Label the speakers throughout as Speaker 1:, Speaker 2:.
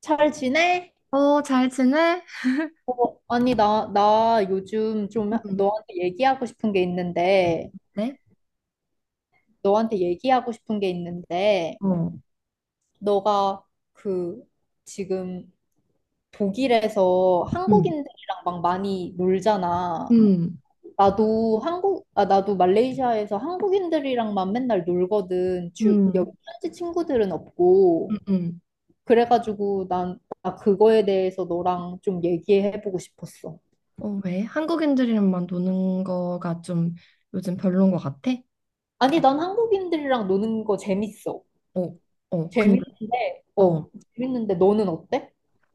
Speaker 1: 잘 지내?
Speaker 2: 어, 잘 지내?
Speaker 1: 어, 아니, 나 요즘 좀
Speaker 2: 음,
Speaker 1: 너한테 얘기하고 싶은 게 있는데,
Speaker 2: 네?
Speaker 1: 너한테 얘기하고 싶은 게 있는데,
Speaker 2: 어.
Speaker 1: 너가 그 지금 독일에서
Speaker 2: 음.
Speaker 1: 한국인들이랑 막 많이 놀잖아.
Speaker 2: 음,
Speaker 1: 나도 한국, 아, 나도 말레이시아에서 한국인들이랑만 맨날 놀거든. 주, 여기
Speaker 2: 음,
Speaker 1: 현지 친구들은
Speaker 2: 음,
Speaker 1: 없고.
Speaker 2: 음.
Speaker 1: 그래가지고 나 그거에 대해서 너랑 좀 얘기해보고 싶었어.
Speaker 2: 어, 왜? 한국인들이랑만 노는 거가 좀 요즘 별론 것 같아?
Speaker 1: 아니, 난 한국인들이랑 노는 거 재밌어.
Speaker 2: 어, 어, 근데,
Speaker 1: 재밌는데, 어,
Speaker 2: 어,
Speaker 1: 재밌는데 너는 어때?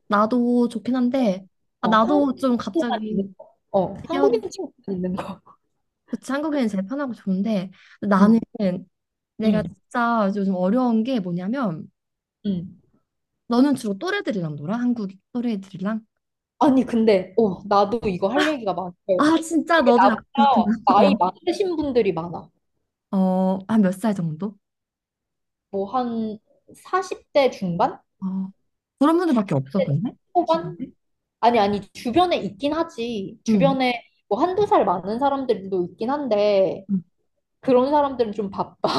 Speaker 2: 나도 좋긴 한데, 아,
Speaker 1: 어,
Speaker 2: 나도
Speaker 1: 한국인
Speaker 2: 좀
Speaker 1: 친구만 있는
Speaker 2: 갑자기,
Speaker 1: 거. 어,
Speaker 2: 얘기하고
Speaker 1: 한국인
Speaker 2: 싶-
Speaker 1: 친구만 있는 거.
Speaker 2: 그치, 한국인은 제일 편하고 좋은데, 나는
Speaker 1: 응,
Speaker 2: 내가
Speaker 1: 응,
Speaker 2: 진짜 요즘 어려운 게 뭐냐면,
Speaker 1: 응.
Speaker 2: 너는 주로 또래들이랑 놀아? 한국 또래들이랑?
Speaker 1: 아니, 근데, 어, 나도 이거 할 얘기가 많아요.
Speaker 2: 아, 진짜
Speaker 1: 이게
Speaker 2: 너도
Speaker 1: 나보다
Speaker 2: 약간,
Speaker 1: 나이
Speaker 2: 어,
Speaker 1: 많으신 분들이 많아.
Speaker 2: 어, 한 몇 살 정도?
Speaker 1: 뭐, 한 40대 중반?
Speaker 2: 어. 그런 분들밖에 없어,
Speaker 1: 40대
Speaker 2: 근데? 주변에?
Speaker 1: 초반? 아니, 아니, 주변에 있긴 하지.
Speaker 2: 응.
Speaker 1: 주변에 뭐 한두 살 많은 사람들도 있긴 한데,
Speaker 2: 응.
Speaker 1: 그런 사람들은 좀 바빠.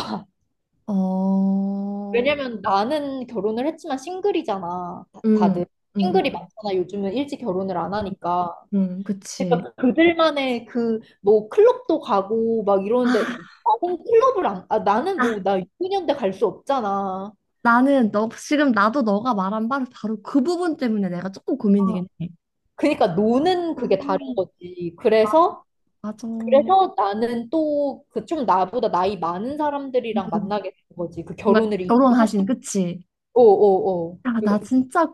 Speaker 2: 어,
Speaker 1: 왜냐면 나는 결혼을 했지만 싱글이잖아.
Speaker 2: 응,
Speaker 1: 다들
Speaker 2: 응, 응,
Speaker 1: 싱글이 많잖아. 요즘은 일찍 결혼을 안
Speaker 2: 응,
Speaker 1: 하니까.
Speaker 2: 응, 그치.
Speaker 1: 그러니까 그들만의 그 뭐 클럽도 가고 막
Speaker 2: 아,
Speaker 1: 이러는데 나는 클럽을 안, 아, 나는 뭐
Speaker 2: 아,
Speaker 1: 나 6년대 갈 수 없잖아.
Speaker 2: 나는 너, 지금 나도 너가 말한 바로, 바로 그 부분 때문에 내가 조금
Speaker 1: 아,
Speaker 2: 고민이긴 해.
Speaker 1: 그러니까 노는
Speaker 2: 어,
Speaker 1: 그게 다른 거지. 그래서
Speaker 2: 맞아.
Speaker 1: 그래서 나는 또 그 좀 나보다 나이 많은 사람들이랑 만나게 된 거지.
Speaker 2: 뭔가 결혼하신, 그치?
Speaker 1: 어, 어, 어.
Speaker 2: 야, 나
Speaker 1: 그-
Speaker 2: 진짜,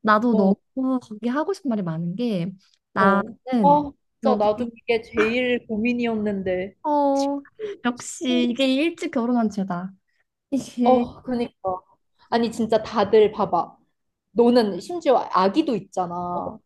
Speaker 2: 나도 너무
Speaker 1: 어.
Speaker 2: 거기 하고 싶은 말이 많은 게,
Speaker 1: 어.
Speaker 2: 나는
Speaker 1: 아, 진짜 나도
Speaker 2: 여기,
Speaker 1: 이게 제일 고민이었는데.
Speaker 2: 어, 역시 이게 일찍 결혼한 죄다. 이게,
Speaker 1: 어, 그니까. 아니, 진짜 다들 봐봐. 너는 심지어 아기도 있잖아.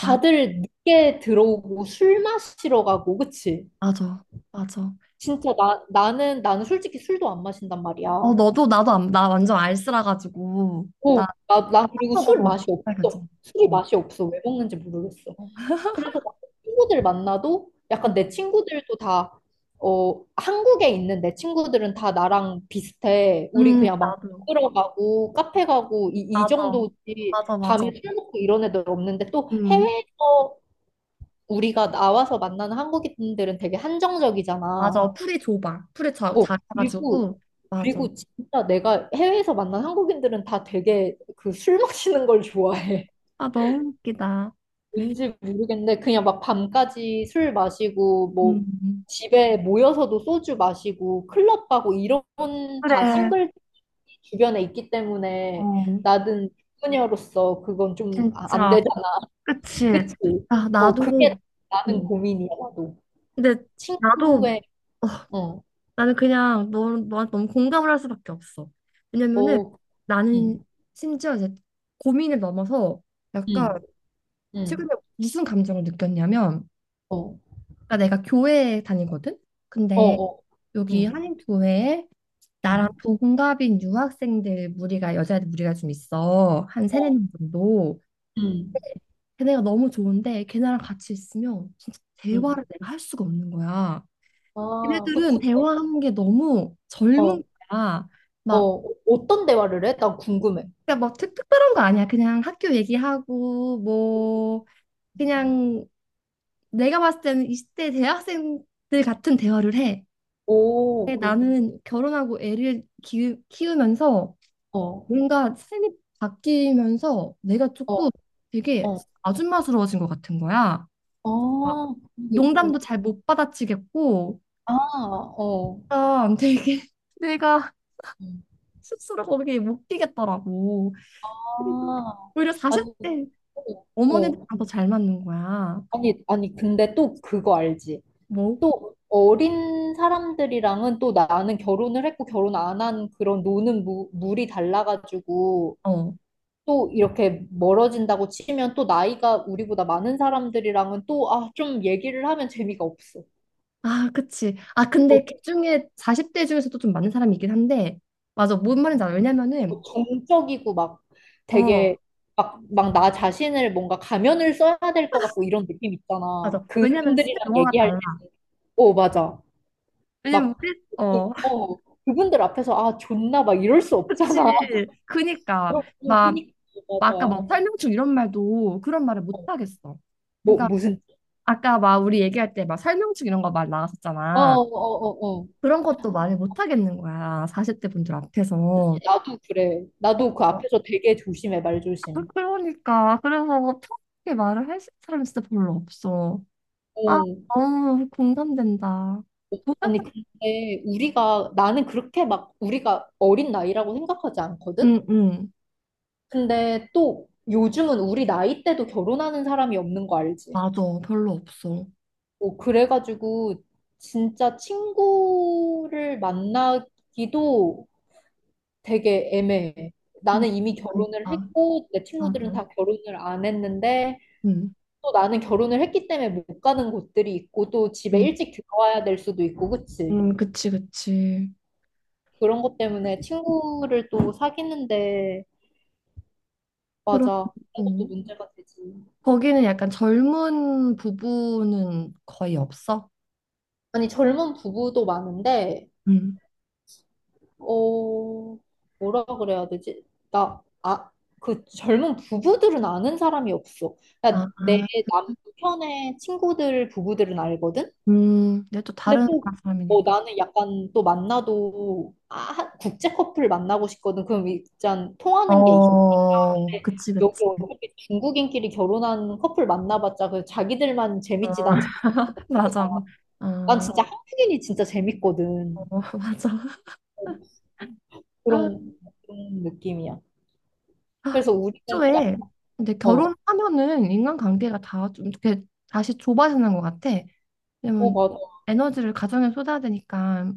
Speaker 2: 맞,
Speaker 1: 늦게 들어오고 술 마시러 가고, 그치?
Speaker 2: 맞아, 맞아.
Speaker 1: 진짜 나는 솔직히 술도 안 마신단 말이야.
Speaker 2: 어,
Speaker 1: 어,
Speaker 2: 너도, 나도, 안, 나 완전 알쓰라 가지고, 나
Speaker 1: 나 그리고
Speaker 2: 먹어도
Speaker 1: 술
Speaker 2: 얼굴
Speaker 1: 맛이
Speaker 2: 빨개져.
Speaker 1: 없어. 술이
Speaker 2: 어.
Speaker 1: 맛이 없어. 왜 먹는지 모르겠어.
Speaker 2: 어.
Speaker 1: 그래서 막 친구들 만나도 약간 내 친구들도 다, 어, 한국에 있는 내 친구들은 다 나랑 비슷해. 우리 그냥 막
Speaker 2: 나도,
Speaker 1: 들어가고 카페 가고 이
Speaker 2: 맞아.
Speaker 1: 정도지.
Speaker 2: 맞아, 맞아.
Speaker 1: 밤에 술 먹고 이런 애들 없는데 또
Speaker 2: 음,
Speaker 1: 해외에서 우리가 나와서 만나는 한국인들은 되게 한정적이잖아.
Speaker 2: 맞아. 풀이 좁아. 풀이 자,
Speaker 1: 어, 그리고
Speaker 2: 작아가지고, 맞아.
Speaker 1: 그리고 진짜 내가 해외에서 만난 한국인들은 다 되게 그 술 마시는 걸 좋아해.
Speaker 2: 아, 너무 웃기다.
Speaker 1: 뭔지 모르겠는데 그냥 막 밤까지 술 마시고 뭐
Speaker 2: 음,
Speaker 1: 집에 모여서도 소주 마시고 클럽 가고 이런 다
Speaker 2: 그래.
Speaker 1: 싱글 주변에 있기 때문에
Speaker 2: 어,
Speaker 1: 나는 소녀로서 그건 좀 아, 안
Speaker 2: 진짜.
Speaker 1: 되잖아.
Speaker 2: 그치.
Speaker 1: 그치?
Speaker 2: 아,
Speaker 1: 어
Speaker 2: 나도,
Speaker 1: 그게 나는
Speaker 2: 음,
Speaker 1: 고민이야 나도.
Speaker 2: 근데, 나도,
Speaker 1: 친구의 어,
Speaker 2: 나는 그냥 너, 너한테 너무 공감을 할 수밖에 없어. 왜냐면은
Speaker 1: 어,
Speaker 2: 나는
Speaker 1: 음,
Speaker 2: 심지어 이제 고민을 넘어서 약간
Speaker 1: 음,
Speaker 2: 최근에
Speaker 1: 음,
Speaker 2: 무슨 감정을 느꼈냐면
Speaker 1: 어,
Speaker 2: 그러니까 내가 교회에 다니거든?
Speaker 1: 어,
Speaker 2: 근데
Speaker 1: 어,
Speaker 2: 여기
Speaker 1: 음,
Speaker 2: 한인교회에 나랑
Speaker 1: 음,
Speaker 2: 동갑인 유학생들 무리가 여자애들 무리가 좀 있어. 한 세네
Speaker 1: 어,
Speaker 2: 명 정도.
Speaker 1: 음,
Speaker 2: 걔네가 너무 좋은데 걔네랑 같이 있으면 진짜 대화를
Speaker 1: 음.
Speaker 2: 내가 할 수가 없는 거야.
Speaker 1: 아, 그치?
Speaker 2: 걔네들은
Speaker 1: 어,
Speaker 2: 대화하는 게 너무 젊은
Speaker 1: 어,
Speaker 2: 거야. 막
Speaker 1: 어, 어떤 대화를 해? 난 궁금해.
Speaker 2: 그러니까 특별한 거 아니야. 그냥 학교 얘기하고 뭐 그냥 내가 봤을 때는 20대 대학생들 같은 대화를 해.
Speaker 1: 오,
Speaker 2: 근데
Speaker 1: 그렇고.
Speaker 2: 나는 결혼하고 애를 키우면서
Speaker 1: 어,
Speaker 2: 뭔가 삶이 바뀌면서 내가 조금
Speaker 1: 어,
Speaker 2: 되게
Speaker 1: 어.
Speaker 2: 아줌마스러워진 것 같은 거야.
Speaker 1: 아,
Speaker 2: 막
Speaker 1: 그런 게 있구나.
Speaker 2: 농담도 잘 못 받아치겠고
Speaker 1: 아, 어.
Speaker 2: 아, 되게 내가
Speaker 1: 음.
Speaker 2: 스스로 거기에 못 끼겠더라고. 그리고
Speaker 1: 아,
Speaker 2: 오히려
Speaker 1: 아니,
Speaker 2: 40대
Speaker 1: 어. 어.
Speaker 2: 어머니들이랑 더 잘 맞는 거야.
Speaker 1: 아니, 아니, 근데 또 그거 알지?
Speaker 2: 뭐?
Speaker 1: 또 어린 사람들이랑은 또 나는 결혼을 했고 결혼 안 한 그런 노는 물이 달라가지고
Speaker 2: 어.
Speaker 1: 또 이렇게 멀어진다고 치면 또 나이가 우리보다 많은 사람들이랑은 또, 아, 좀 얘기를 하면 재미가 없어.
Speaker 2: 아, 그치. 아,
Speaker 1: 어,
Speaker 2: 근데 그 중에 40대 중에서도 좀 많은 사람이 있긴 한데, 맞아. 뭔 말인지 알아. 왜냐면은,
Speaker 1: 정적이고 막
Speaker 2: 어,
Speaker 1: 되게 막 나 자신을 뭔가 가면을 써야 될 것 같고 이런 느낌 있잖아.
Speaker 2: 맞아. 왜냐면 쓰는
Speaker 1: 그분들이랑
Speaker 2: 용어가
Speaker 1: 얘기할
Speaker 2: 달라.
Speaker 1: 때. 어, 맞아.
Speaker 2: 왜냐면
Speaker 1: 막,
Speaker 2: 우리,
Speaker 1: 그-
Speaker 2: 어,
Speaker 1: 어, 그분들 앞에서 아, 존나 막 이럴 수
Speaker 2: 그치.
Speaker 1: 없잖아.
Speaker 2: 그니까. 막,
Speaker 1: 그러니까,
Speaker 2: 막 아까
Speaker 1: 맞아.
Speaker 2: 뭐 설명충 이런 말도 그런 말을 못 하겠어.
Speaker 1: 뭐,
Speaker 2: 그러니까
Speaker 1: 무슨,
Speaker 2: 아까 막 우리 얘기할 때 막 설명충 이런 거 말
Speaker 1: 아, 어,
Speaker 2: 나왔었잖아.
Speaker 1: 어, 어, 어.
Speaker 2: 그런 것도 말을 못 하겠는 거야. 40대 분들 앞에서.
Speaker 1: 나도 그래. 나도
Speaker 2: 어,
Speaker 1: 그 앞에서 되게 조심해,
Speaker 2: 그-
Speaker 1: 말조심.
Speaker 2: 그러니까. 그래서 편하게 말을 할 사람이 진짜 별로 없어. 아,
Speaker 1: 어.
Speaker 2: 너무 공감된다.
Speaker 1: 아니, 근데 우리가, 나는 그렇게 막 우리가 어린 나이라고 생각하지 않거든?
Speaker 2: 응, 응.
Speaker 1: 근데 또 요즘은 우리 나이 때도 결혼하는 사람이 없는 거 알지?
Speaker 2: 맞아. 별로 없어.
Speaker 1: 뭐 그래가지고 진짜 친구를 만나기도 되게 애매해.
Speaker 2: 응,
Speaker 1: 나는 이미 결혼을
Speaker 2: 그러니까.
Speaker 1: 했고 내 친구들은
Speaker 2: 맞아.
Speaker 1: 다 결혼을 안 했는데
Speaker 2: 응,
Speaker 1: 또 나는 결혼을 했기 때문에 못 가는 곳들이 있고 또 집에
Speaker 2: 응,
Speaker 1: 일찍 들어와야 될 수도 있고 그치?
Speaker 2: 응. 그치, 그치.
Speaker 1: 그런 것 때문에 친구를 또 사귀는데
Speaker 2: 그럼,
Speaker 1: 맞아. 그런 것도
Speaker 2: 어.
Speaker 1: 문제가 되지.
Speaker 2: 거기는 약간 젊은 부부는 거의 없어?
Speaker 1: 아니 젊은 부부도 많은데
Speaker 2: 응.
Speaker 1: 어, 뭐라 그래야 되지? 나, 아, 그 젊은 부부들은 아는 사람이 없어.
Speaker 2: 아,
Speaker 1: 그러니까 내
Speaker 2: 아.
Speaker 1: 남편의 친구들 부부들은 알거든?
Speaker 2: 음. 내가 또
Speaker 1: 근데
Speaker 2: 다른
Speaker 1: 또,
Speaker 2: 나라
Speaker 1: 어,
Speaker 2: 사람이니까.
Speaker 1: 나는 약간 또 만나도, 아, 한- 국제 커플 만나고 싶거든. 그럼 일단 통하는 게, 있-
Speaker 2: 어, 그치, 그치.
Speaker 1: 여기 어차피 중국인끼리 결혼한 커플 만나봤자 그 자기들만
Speaker 2: 어,
Speaker 1: 재밌지, 난 재밌거든.
Speaker 2: 맞아.
Speaker 1: 난
Speaker 2: 어,
Speaker 1: 진짜 한국인이 진짜
Speaker 2: 어,
Speaker 1: 재밌거든.
Speaker 2: 맞아. 아,
Speaker 1: 그런, 그런 느낌이야.
Speaker 2: 아,
Speaker 1: 그래서 우리는 약간,
Speaker 2: 애초에 근데
Speaker 1: 어,
Speaker 2: 결혼하면은 인간관계가 다 좀 이렇게 다시 좁아지는 것 같아.
Speaker 1: 어,
Speaker 2: 왜냐면
Speaker 1: 맞아.
Speaker 2: 에너지를 가정에 쏟아야 되니까.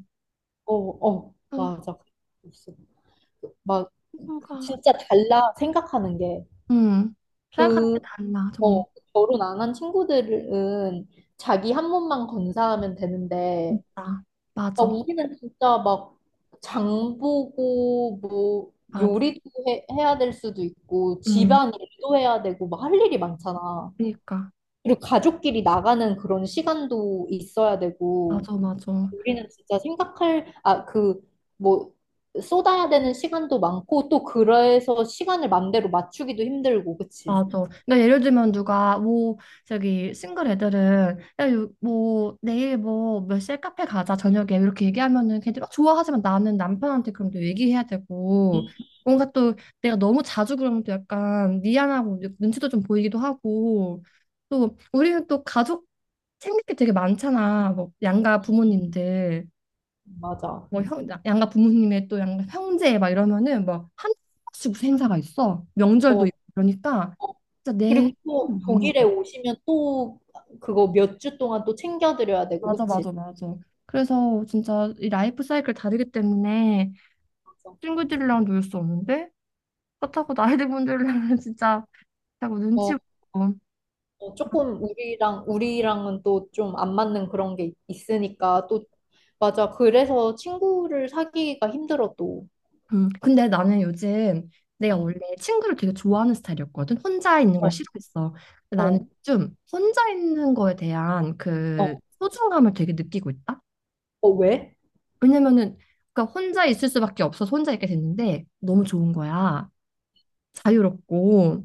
Speaker 1: 어, 어,
Speaker 2: 어,
Speaker 1: 맞아. 있어. 막,
Speaker 2: 뭐가.
Speaker 1: 진짜 달라, 생각하는 게.
Speaker 2: 음, 생각하는 게
Speaker 1: 그,
Speaker 2: 달라, 정말.
Speaker 1: 어, 결혼 안 한 친구들은 자기 한 몸만 건사하면 되는데,
Speaker 2: 진짜.
Speaker 1: 막
Speaker 2: 맞아,
Speaker 1: 우리는 진짜 막, 장 보고, 뭐,
Speaker 2: 맞아.
Speaker 1: 요리도 해야 될 수도 있고,
Speaker 2: 음,
Speaker 1: 집안 일도 해야 되고, 막 할 일이 많잖아.
Speaker 2: 그러니까.
Speaker 1: 그리고 가족끼리 나가는 그런 시간도 있어야 되고,
Speaker 2: 맞아, 맞아.
Speaker 1: 우리는 진짜 생각할, 아, 그, 뭐, 쏟아야 되는 시간도 많고, 또 그래서 시간을 맘대로 맞추기도 힘들고, 그치?
Speaker 2: 맞아. 그러니까 예를 들면 누가 뭐 저기 싱글 애들은 야, 요- 뭐 내일 뭐 몇 시에 카페 가자 저녁에 이렇게 얘기하면은 걔들이 막 좋아하지만 나는 남편한테 그럼 또 얘기해야
Speaker 1: 음,
Speaker 2: 되고 뭔가 또 내가 너무 자주 그러면 또 약간 미안하고 눈치도 좀 보이기도 하고 또 우리는 또 가족 챙길 게 되게 많잖아. 뭐 양가 부모님들.
Speaker 1: 맞아.
Speaker 2: 뭐 형, 양가 부모님의 또 양가 형제 막 이러면은 뭐한 번씩 무슨 행사가 있어. 명절도
Speaker 1: 어,
Speaker 2: 있고 그러니까
Speaker 1: 어.
Speaker 2: 진짜
Speaker 1: 그리고
Speaker 2: 내 시간이
Speaker 1: 또
Speaker 2: 없는
Speaker 1: 독일에
Speaker 2: 거야.
Speaker 1: 오시면 또 그거 몇 주 동안 또 챙겨드려야 되고,
Speaker 2: 맞아,
Speaker 1: 그치?
Speaker 2: 맞아, 맞아. 그래서 진짜 이 라이프 사이클 다르기 때문에
Speaker 1: 맞아.
Speaker 2: 친구들이랑 놀 수 없는데 그렇다고 나이 든 분들이랑은 진짜 자꾸 눈치
Speaker 1: 어,
Speaker 2: 보고.
Speaker 1: 어, 조금 우리랑은 또 좀 안 맞는 그런 게 있- 있으니까, 또, 맞아. 그래서 친구를 사귀기가 힘들어, 또.
Speaker 2: 음. 근데 나는 요즘 내가
Speaker 1: 음.
Speaker 2: 원래 친구를 되게 좋아하는 스타일이었거든. 혼자 있는 걸
Speaker 1: 어,
Speaker 2: 싫어했어. 근데 나는
Speaker 1: 어,
Speaker 2: 좀 혼자 있는 거에 대한 그
Speaker 1: 어,
Speaker 2: 소중함을 되게 느끼고 있다.
Speaker 1: 어, 왜?
Speaker 2: 왜냐면은 그러니까 혼자 있을 수밖에 없어서 혼자 있게 됐는데 너무 좋은 거야. 자유롭고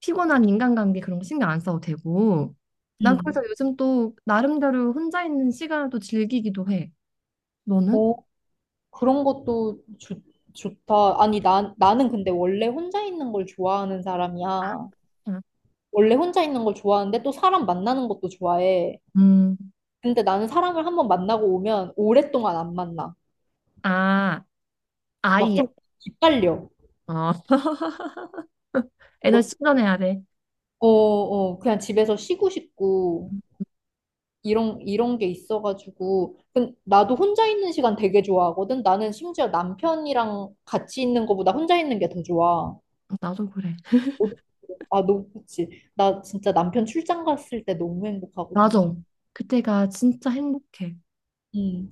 Speaker 2: 피곤한 인간관계 그런 거 신경 안 써도 되고. 난 그래서
Speaker 1: 음.
Speaker 2: 요즘 또 나름대로 혼자 있는 시간을 또 즐기기도 해. 너는?
Speaker 1: 그런 것도 좋 좋다. 아니, 나는 근데 원래 혼자 있는 걸 좋아하는
Speaker 2: 아,
Speaker 1: 사람이야. 원래 혼자 있는 걸 좋아하는데 또 사람 만나는 것도 좋아해.
Speaker 2: 음,
Speaker 1: 근데 나는 사람을 한번 만나고 오면 오랫동안 안 만나.
Speaker 2: 아,
Speaker 1: 막
Speaker 2: 아이야.
Speaker 1: 좀 기빨려.
Speaker 2: 어.
Speaker 1: 어,
Speaker 2: 에너지 충전해야 돼.
Speaker 1: 어, 어, 그냥 집에서 쉬고 싶고, 이런 게 있어가지고. 근 나도 혼자 있는 시간 되게 좋아하거든. 나는 심지어 남편이랑 같이 있는 것보다 혼자 있는 게 더 좋아.
Speaker 2: 나도 그래.
Speaker 1: 아, 너무 좋지 나 진짜 남편 출장 갔을 때 너무 행복하거든.
Speaker 2: 맞아. 그때가 진짜 행복해.
Speaker 1: 음.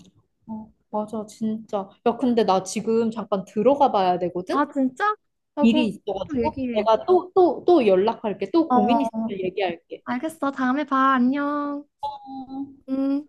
Speaker 1: 어, 맞아, 진짜. 야, 근데 나 지금 잠깐 들어가 봐야 되거든?
Speaker 2: 아, 진짜? 아, 그럼
Speaker 1: 일이
Speaker 2: 또
Speaker 1: 있어가지고.
Speaker 2: 얘기해.
Speaker 1: 내가 또 연락할게. 또 고민 있을
Speaker 2: 어,
Speaker 1: 때 얘기할게.
Speaker 2: 알겠어. 다음에 봐. 안녕.
Speaker 1: 어.
Speaker 2: 음.